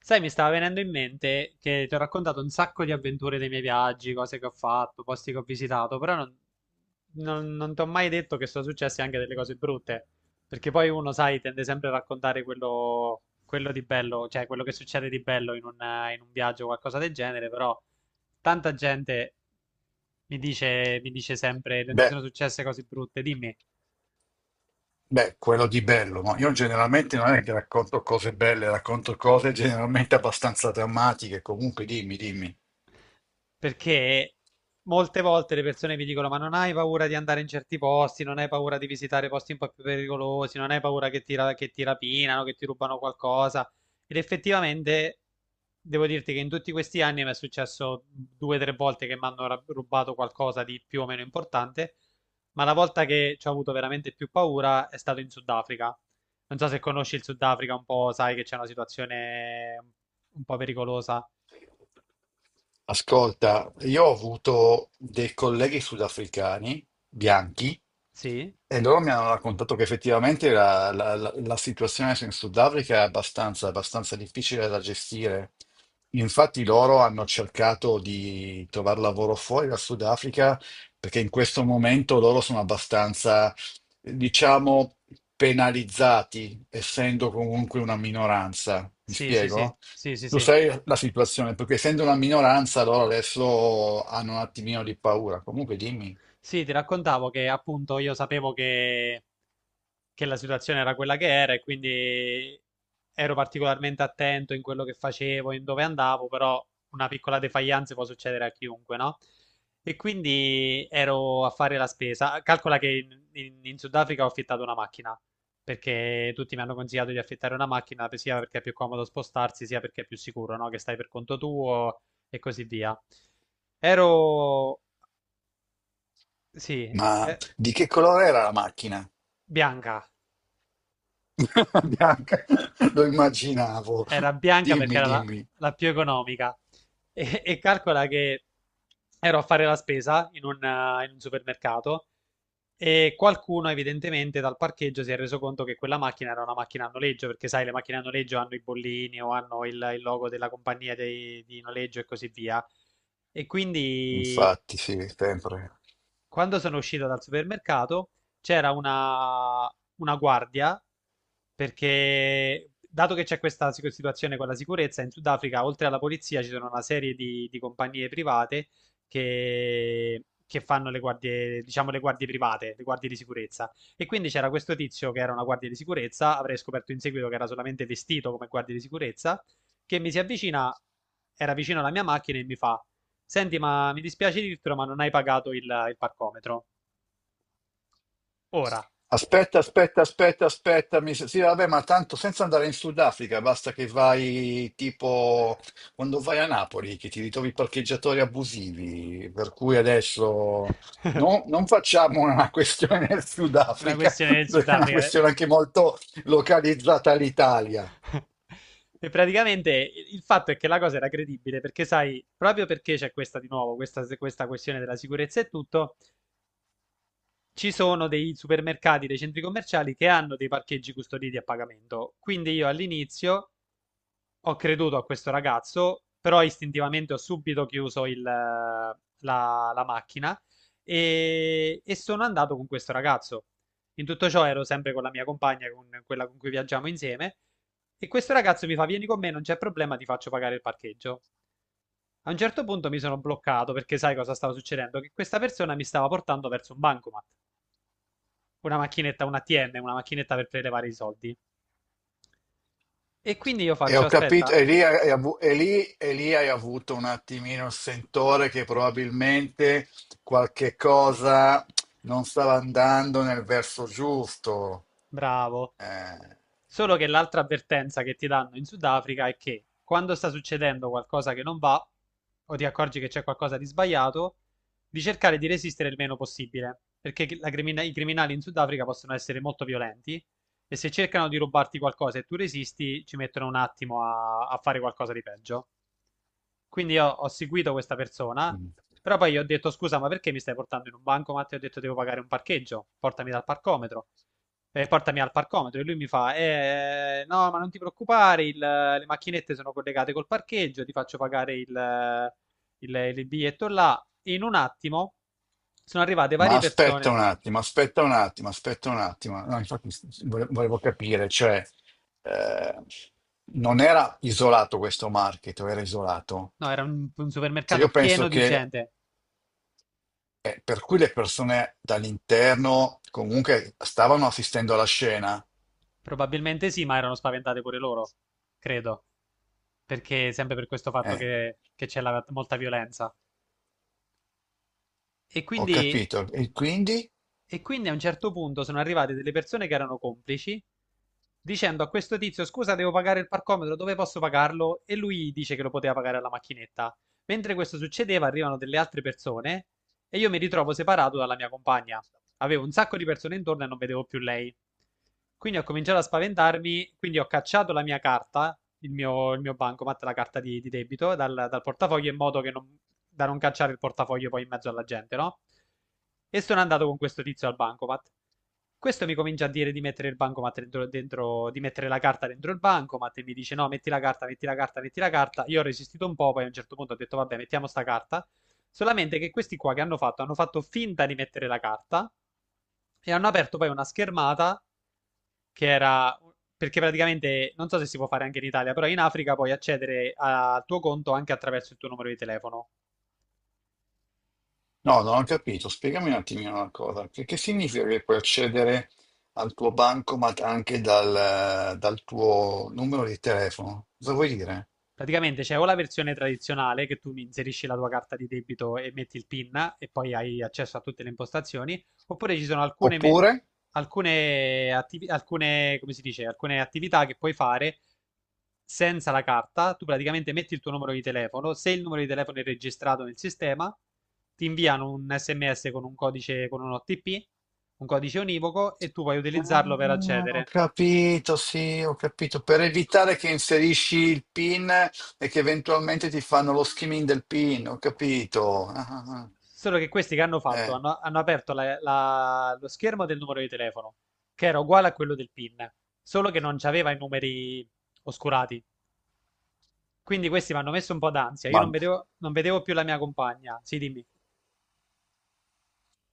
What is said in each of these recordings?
Sai, mi stava venendo in mente che ti ho raccontato un sacco di avventure dei miei viaggi, cose che ho fatto, posti che ho visitato, però non ti ho mai detto che sono successe anche delle cose brutte, perché poi uno, sai, tende sempre a raccontare quello di bello, cioè quello che succede di bello in un viaggio o qualcosa del genere, però tanta gente mi dice sempre, non ti Beh, sono successe cose brutte, dimmi. beh, quello di bello, ma io generalmente non è che racconto cose belle, racconto cose generalmente abbastanza drammatiche. Comunque, dimmi, dimmi. Perché molte volte le persone mi dicono: ma non hai paura di andare in certi posti, non hai paura di visitare posti un po' più pericolosi, non hai paura che ti rapinano, che ti rubano qualcosa. Ed effettivamente devo dirti che in tutti questi anni mi è successo due o tre volte che mi hanno rubato qualcosa di più o meno importante. Ma la volta che ci ho avuto veramente più paura è stato in Sudafrica. Non so se conosci il Sudafrica un po', sai che c'è una situazione un po' pericolosa. Ascolta, io ho avuto dei colleghi sudafricani bianchi Sì. e loro mi hanno raccontato che effettivamente la situazione in Sudafrica è abbastanza difficile da gestire. Infatti loro hanno cercato di trovare lavoro fuori dal Sudafrica perché in questo momento loro sono abbastanza, diciamo, penalizzati, essendo comunque una minoranza. Mi Sì, sì, sì, spiego? sì, sì, Lo sì. sai la situazione, perché essendo una minoranza loro adesso hanno un attimino di paura. Comunque dimmi, Sì, ti raccontavo che appunto io sapevo che la situazione era quella che era e quindi ero particolarmente attento in quello che facevo, in dove andavo, però una piccola defaillance può succedere a chiunque, no? E quindi ero a fare la spesa. Calcola che in Sudafrica ho affittato una macchina, perché tutti mi hanno consigliato di affittare una macchina, sia perché è più comodo spostarsi, sia perché è più sicuro, no? Che stai per conto tuo e così via. Ero. Sì, ma eh, di che colore era la macchina? bianca, Bianca, lo immaginavo. era bianca perché Dimmi, era la, dimmi. la più economica. E calcola che ero a fare la spesa in un supermercato e qualcuno evidentemente dal parcheggio si è reso conto che quella macchina era una macchina a noleggio, perché sai, le macchine a noleggio hanno i bollini o hanno il logo della compagnia di noleggio e così via. E quindi. Infatti, sì, sempre. Quando sono uscito dal supermercato c'era una guardia perché, dato che c'è questa situazione con la sicurezza, in Sudafrica, oltre alla polizia, ci sono una serie di compagnie private che fanno le guardie, diciamo, le guardie private, le guardie di sicurezza. E quindi c'era questo tizio che era una guardia di sicurezza, avrei scoperto in seguito che era solamente vestito come guardia di sicurezza, che mi si avvicina, era vicino alla mia macchina e mi fa. Senti, ma mi dispiace dirtelo, ma non hai pagato il parcometro. Ora, Aspetta, aspetta, aspetta, aspetta. Sì, vabbè, ma tanto senza andare in Sudafrica, basta che vai tipo quando vai a Napoli, che ti ritrovi parcheggiatori abusivi. Per cui adesso non facciamo una questione del una Sudafrica, questione del perché è una Sudafrica. questione anche molto localizzata all'Italia. E praticamente il fatto è che la cosa era credibile perché, sai, proprio perché c'è questa di nuovo, questa questione della sicurezza e tutto, ci sono dei supermercati, dei centri commerciali che hanno dei parcheggi custoditi a pagamento. Quindi io all'inizio ho creduto a questo ragazzo, però istintivamente ho subito chiuso la macchina e sono andato con questo ragazzo. In tutto ciò ero sempre con la mia compagna, con quella con cui viaggiamo insieme, e questo ragazzo mi fa: vieni con me, non c'è problema, ti faccio pagare il parcheggio. A un certo punto mi sono bloccato perché sai cosa stava succedendo? Che questa persona mi stava portando verso un bancomat, una macchinetta, un ATM, una macchinetta per prelevare i soldi. E quindi io E faccio: ho capito, aspetta. e lì, e lì hai avuto un attimino il sentore che probabilmente qualche cosa non stava andando nel verso giusto. Bravo. Eh, Solo che l'altra avvertenza che ti danno in Sudafrica è che quando sta succedendo qualcosa che non va, o ti accorgi che c'è qualcosa di sbagliato, di cercare di resistere il meno possibile, perché la i criminali in Sudafrica possono essere molto violenti e se cercano di rubarti qualcosa e tu resisti, ci mettono un attimo a fare qualcosa di peggio. Quindi io ho seguito questa persona, però poi gli ho detto scusa, ma perché mi stai portando in un bancomat? E ho detto devo pagare un parcheggio, portami dal parcometro. Portami al parcometro e lui mi fa no, ma non ti preoccupare, le macchinette sono collegate col parcheggio, ti faccio pagare il biglietto là. E in un attimo sono arrivate ma varie aspetta persone. un attimo, aspetta un attimo, aspetta un attimo. No, infatti volevo capire, cioè, eh, non era isolato questo market, o era isolato? No, era un Cioè, supermercato io penso pieno di che gente. Per cui le persone dall'interno comunque stavano assistendo alla scena. Probabilmente sì, ma erano spaventate pure loro, credo, perché sempre per questo fatto Eh, che c'è molta violenza. E ho quindi, capito. E quindi? e quindi a un certo punto sono arrivate delle persone che erano complici dicendo a questo tizio: scusa, devo pagare il parcometro, dove posso pagarlo? E lui dice che lo poteva pagare alla macchinetta. Mentre questo succedeva, arrivano delle altre persone e io mi ritrovo separato dalla mia compagna. Avevo un sacco di persone intorno e non vedevo più lei. Quindi ho cominciato a spaventarmi, quindi ho cacciato la mia carta, il mio bancomat, la carta di debito, dal portafoglio, in modo che non, da non cacciare il portafoglio poi in mezzo alla gente, no? E sono andato con questo tizio al bancomat. Questo mi comincia a dire di mettere il bancomat dentro, di mettere la carta dentro il bancomat e mi dice no, metti la carta, metti la carta, metti la carta. Io ho resistito un po', poi a un certo punto ho detto vabbè, mettiamo sta carta. Solamente che questi qua che hanno fatto finta di mettere la carta e hanno aperto poi una schermata che era, perché praticamente non so se si può fare anche in Italia, però in Africa puoi accedere al tuo conto anche attraverso il tuo numero di telefono. No, non ho capito. Spiegami un attimino una cosa. Che significa che puoi accedere al tuo bancomat anche dal tuo numero di telefono? Cosa vuoi dire? Praticamente c'è o la versione tradizionale che tu mi inserisci la tua carta di debito e metti il PIN e poi hai accesso a tutte le impostazioni, oppure ci sono alcune, Oppure? Come si dice, alcune attività che puoi fare senza la carta. Tu praticamente metti il tuo numero di telefono, se il numero di telefono è registrato nel sistema, ti inviano un SMS con un codice, con un OTP, un codice univoco e tu puoi utilizzarlo per Ah, ho accedere. capito, sì, ho capito. Per evitare che inserisci il PIN e che eventualmente ti fanno lo skimming del PIN, ho capito. Ah, ah, ah. Solo che questi che hanno fatto Eh, hanno aperto lo schermo del numero di telefono, che era uguale a quello del PIN, solo che non c'aveva i numeri oscurati. Quindi questi mi hanno messo un po' d'ansia. Io ma non vedevo più la mia compagna. Sì, dimmi.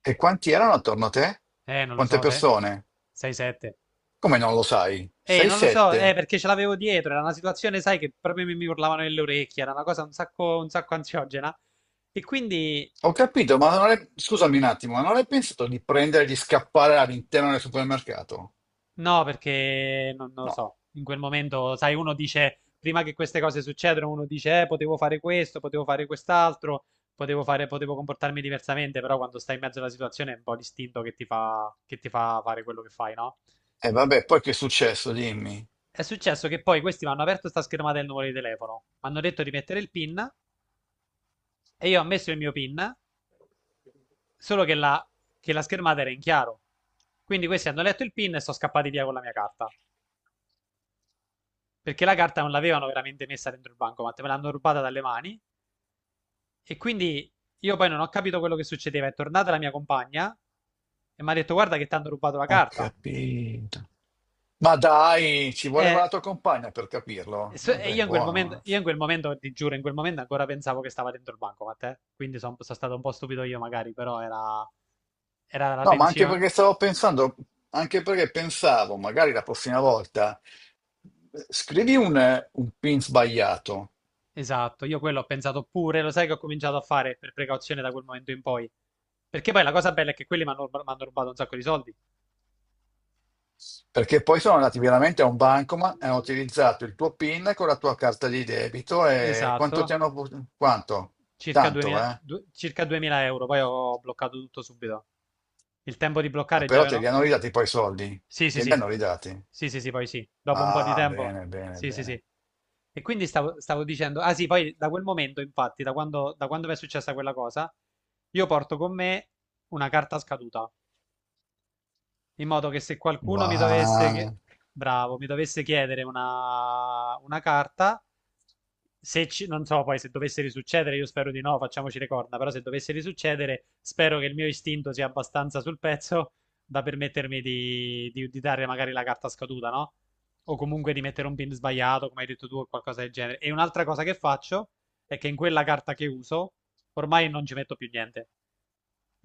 e quanti erano attorno a te? Non lo Quante so, se persone? 6-7. Come non lo sai? Non lo so, 6-7? perché ce l'avevo dietro. Era una situazione, sai, che proprio mi urlavano nelle orecchie. Era una cosa un sacco ansiogena. E quindi. Ho capito, ma non hai... scusami un attimo, ma non hai pensato di prendere e di scappare all'interno del supermercato? No, perché non lo No. so, in quel momento, sai, uno dice, prima che queste cose succedano, uno dice, potevo fare questo, potevo fare quest'altro, potevo fare, potevo comportarmi diversamente, però quando stai in mezzo alla situazione è un po' l'istinto che ti fa, fare quello che fai, no? E vabbè, poi che è successo? Dimmi. È successo che poi questi mi hanno aperto sta schermata del numero di telefono, mi hanno detto di mettere il PIN e io ho messo il mio PIN, solo che la schermata era in chiaro. Quindi questi hanno letto il PIN e sono scappati via con la mia carta. Perché la carta non l'avevano veramente messa dentro il bancomat, me l'hanno rubata dalle mani e quindi io poi non ho capito quello che succedeva. È tornata la mia compagna e mi ha detto guarda che ti hanno rubato la Ho carta. capito. Ma dai, ci voleva E, la tua compagna per e capirlo. so- Eh e beh, io in quel momento, buono. Eh. io in quel momento, ti giuro, in quel momento ancora pensavo che stava dentro il bancomat, eh. Quindi sono stato un po' stupido io magari, però era la No, ma anche tensione. perché stavo pensando, anche perché pensavo, magari la prossima volta, scrivi un PIN sbagliato, Esatto, io quello ho pensato pure, lo sai che ho cominciato a fare per precauzione da quel momento in poi. Perché poi la cosa bella è che quelli mi hanno rubato un sacco di soldi. perché poi sono andati veramente a un bancomat e hanno utilizzato il tuo PIN con la tua carta di debito e quanto ti Esatto. hanno... Quanto? circa Tanto, 2000, eh? du- circa 2.000 euro, poi ho bloccato tutto subito. Il tempo di Ma bloccare già però te li avevano... hanno ridati poi i soldi. Sì, sì, Te li sì. hanno ridati. Sì, sì, sì, poi sì. Dopo un po' di Ah, tempo. bene, bene, Sì, sì, bene. sì. E quindi stavo dicendo, ah sì, poi da quel momento, infatti, da quando mi è successa quella cosa, io porto con me una carta scaduta, in modo che se qualcuno Buono. bravo, mi dovesse chiedere una carta, se ci- non so poi se dovesse risuccedere, io spero di no, facciamoci le corna, però se dovesse risuccedere, spero che il mio istinto sia abbastanza sul pezzo da permettermi di dare magari la carta scaduta, no? O comunque di mettere un pin sbagliato, come hai detto tu, o qualcosa del genere. E un'altra cosa che faccio è che in quella carta che uso, ormai non ci metto più niente.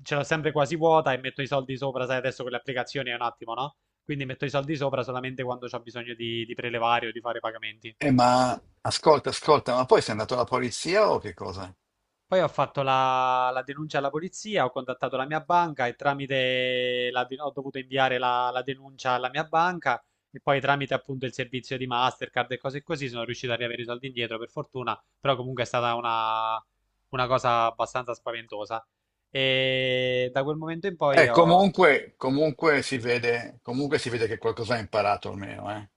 Ce l'ho sempre quasi vuota e metto i soldi sopra, sai, adesso con le applicazioni è un attimo, no? Quindi metto i soldi sopra solamente quando ho bisogno di prelevare o di fare pagamenti. Ma ascolta, ascolta, ma poi sei andato alla polizia o che cosa? Poi ho fatto la denuncia alla polizia, ho contattato la mia banca e tramite ho dovuto inviare la denuncia alla mia banca e poi tramite appunto il servizio di Mastercard e cose così sono riuscito a riavere i soldi indietro per fortuna, però comunque è stata una cosa abbastanza spaventosa. E da quel momento in poi ho, Comunque, comunque si vede che qualcosa ha imparato almeno, eh.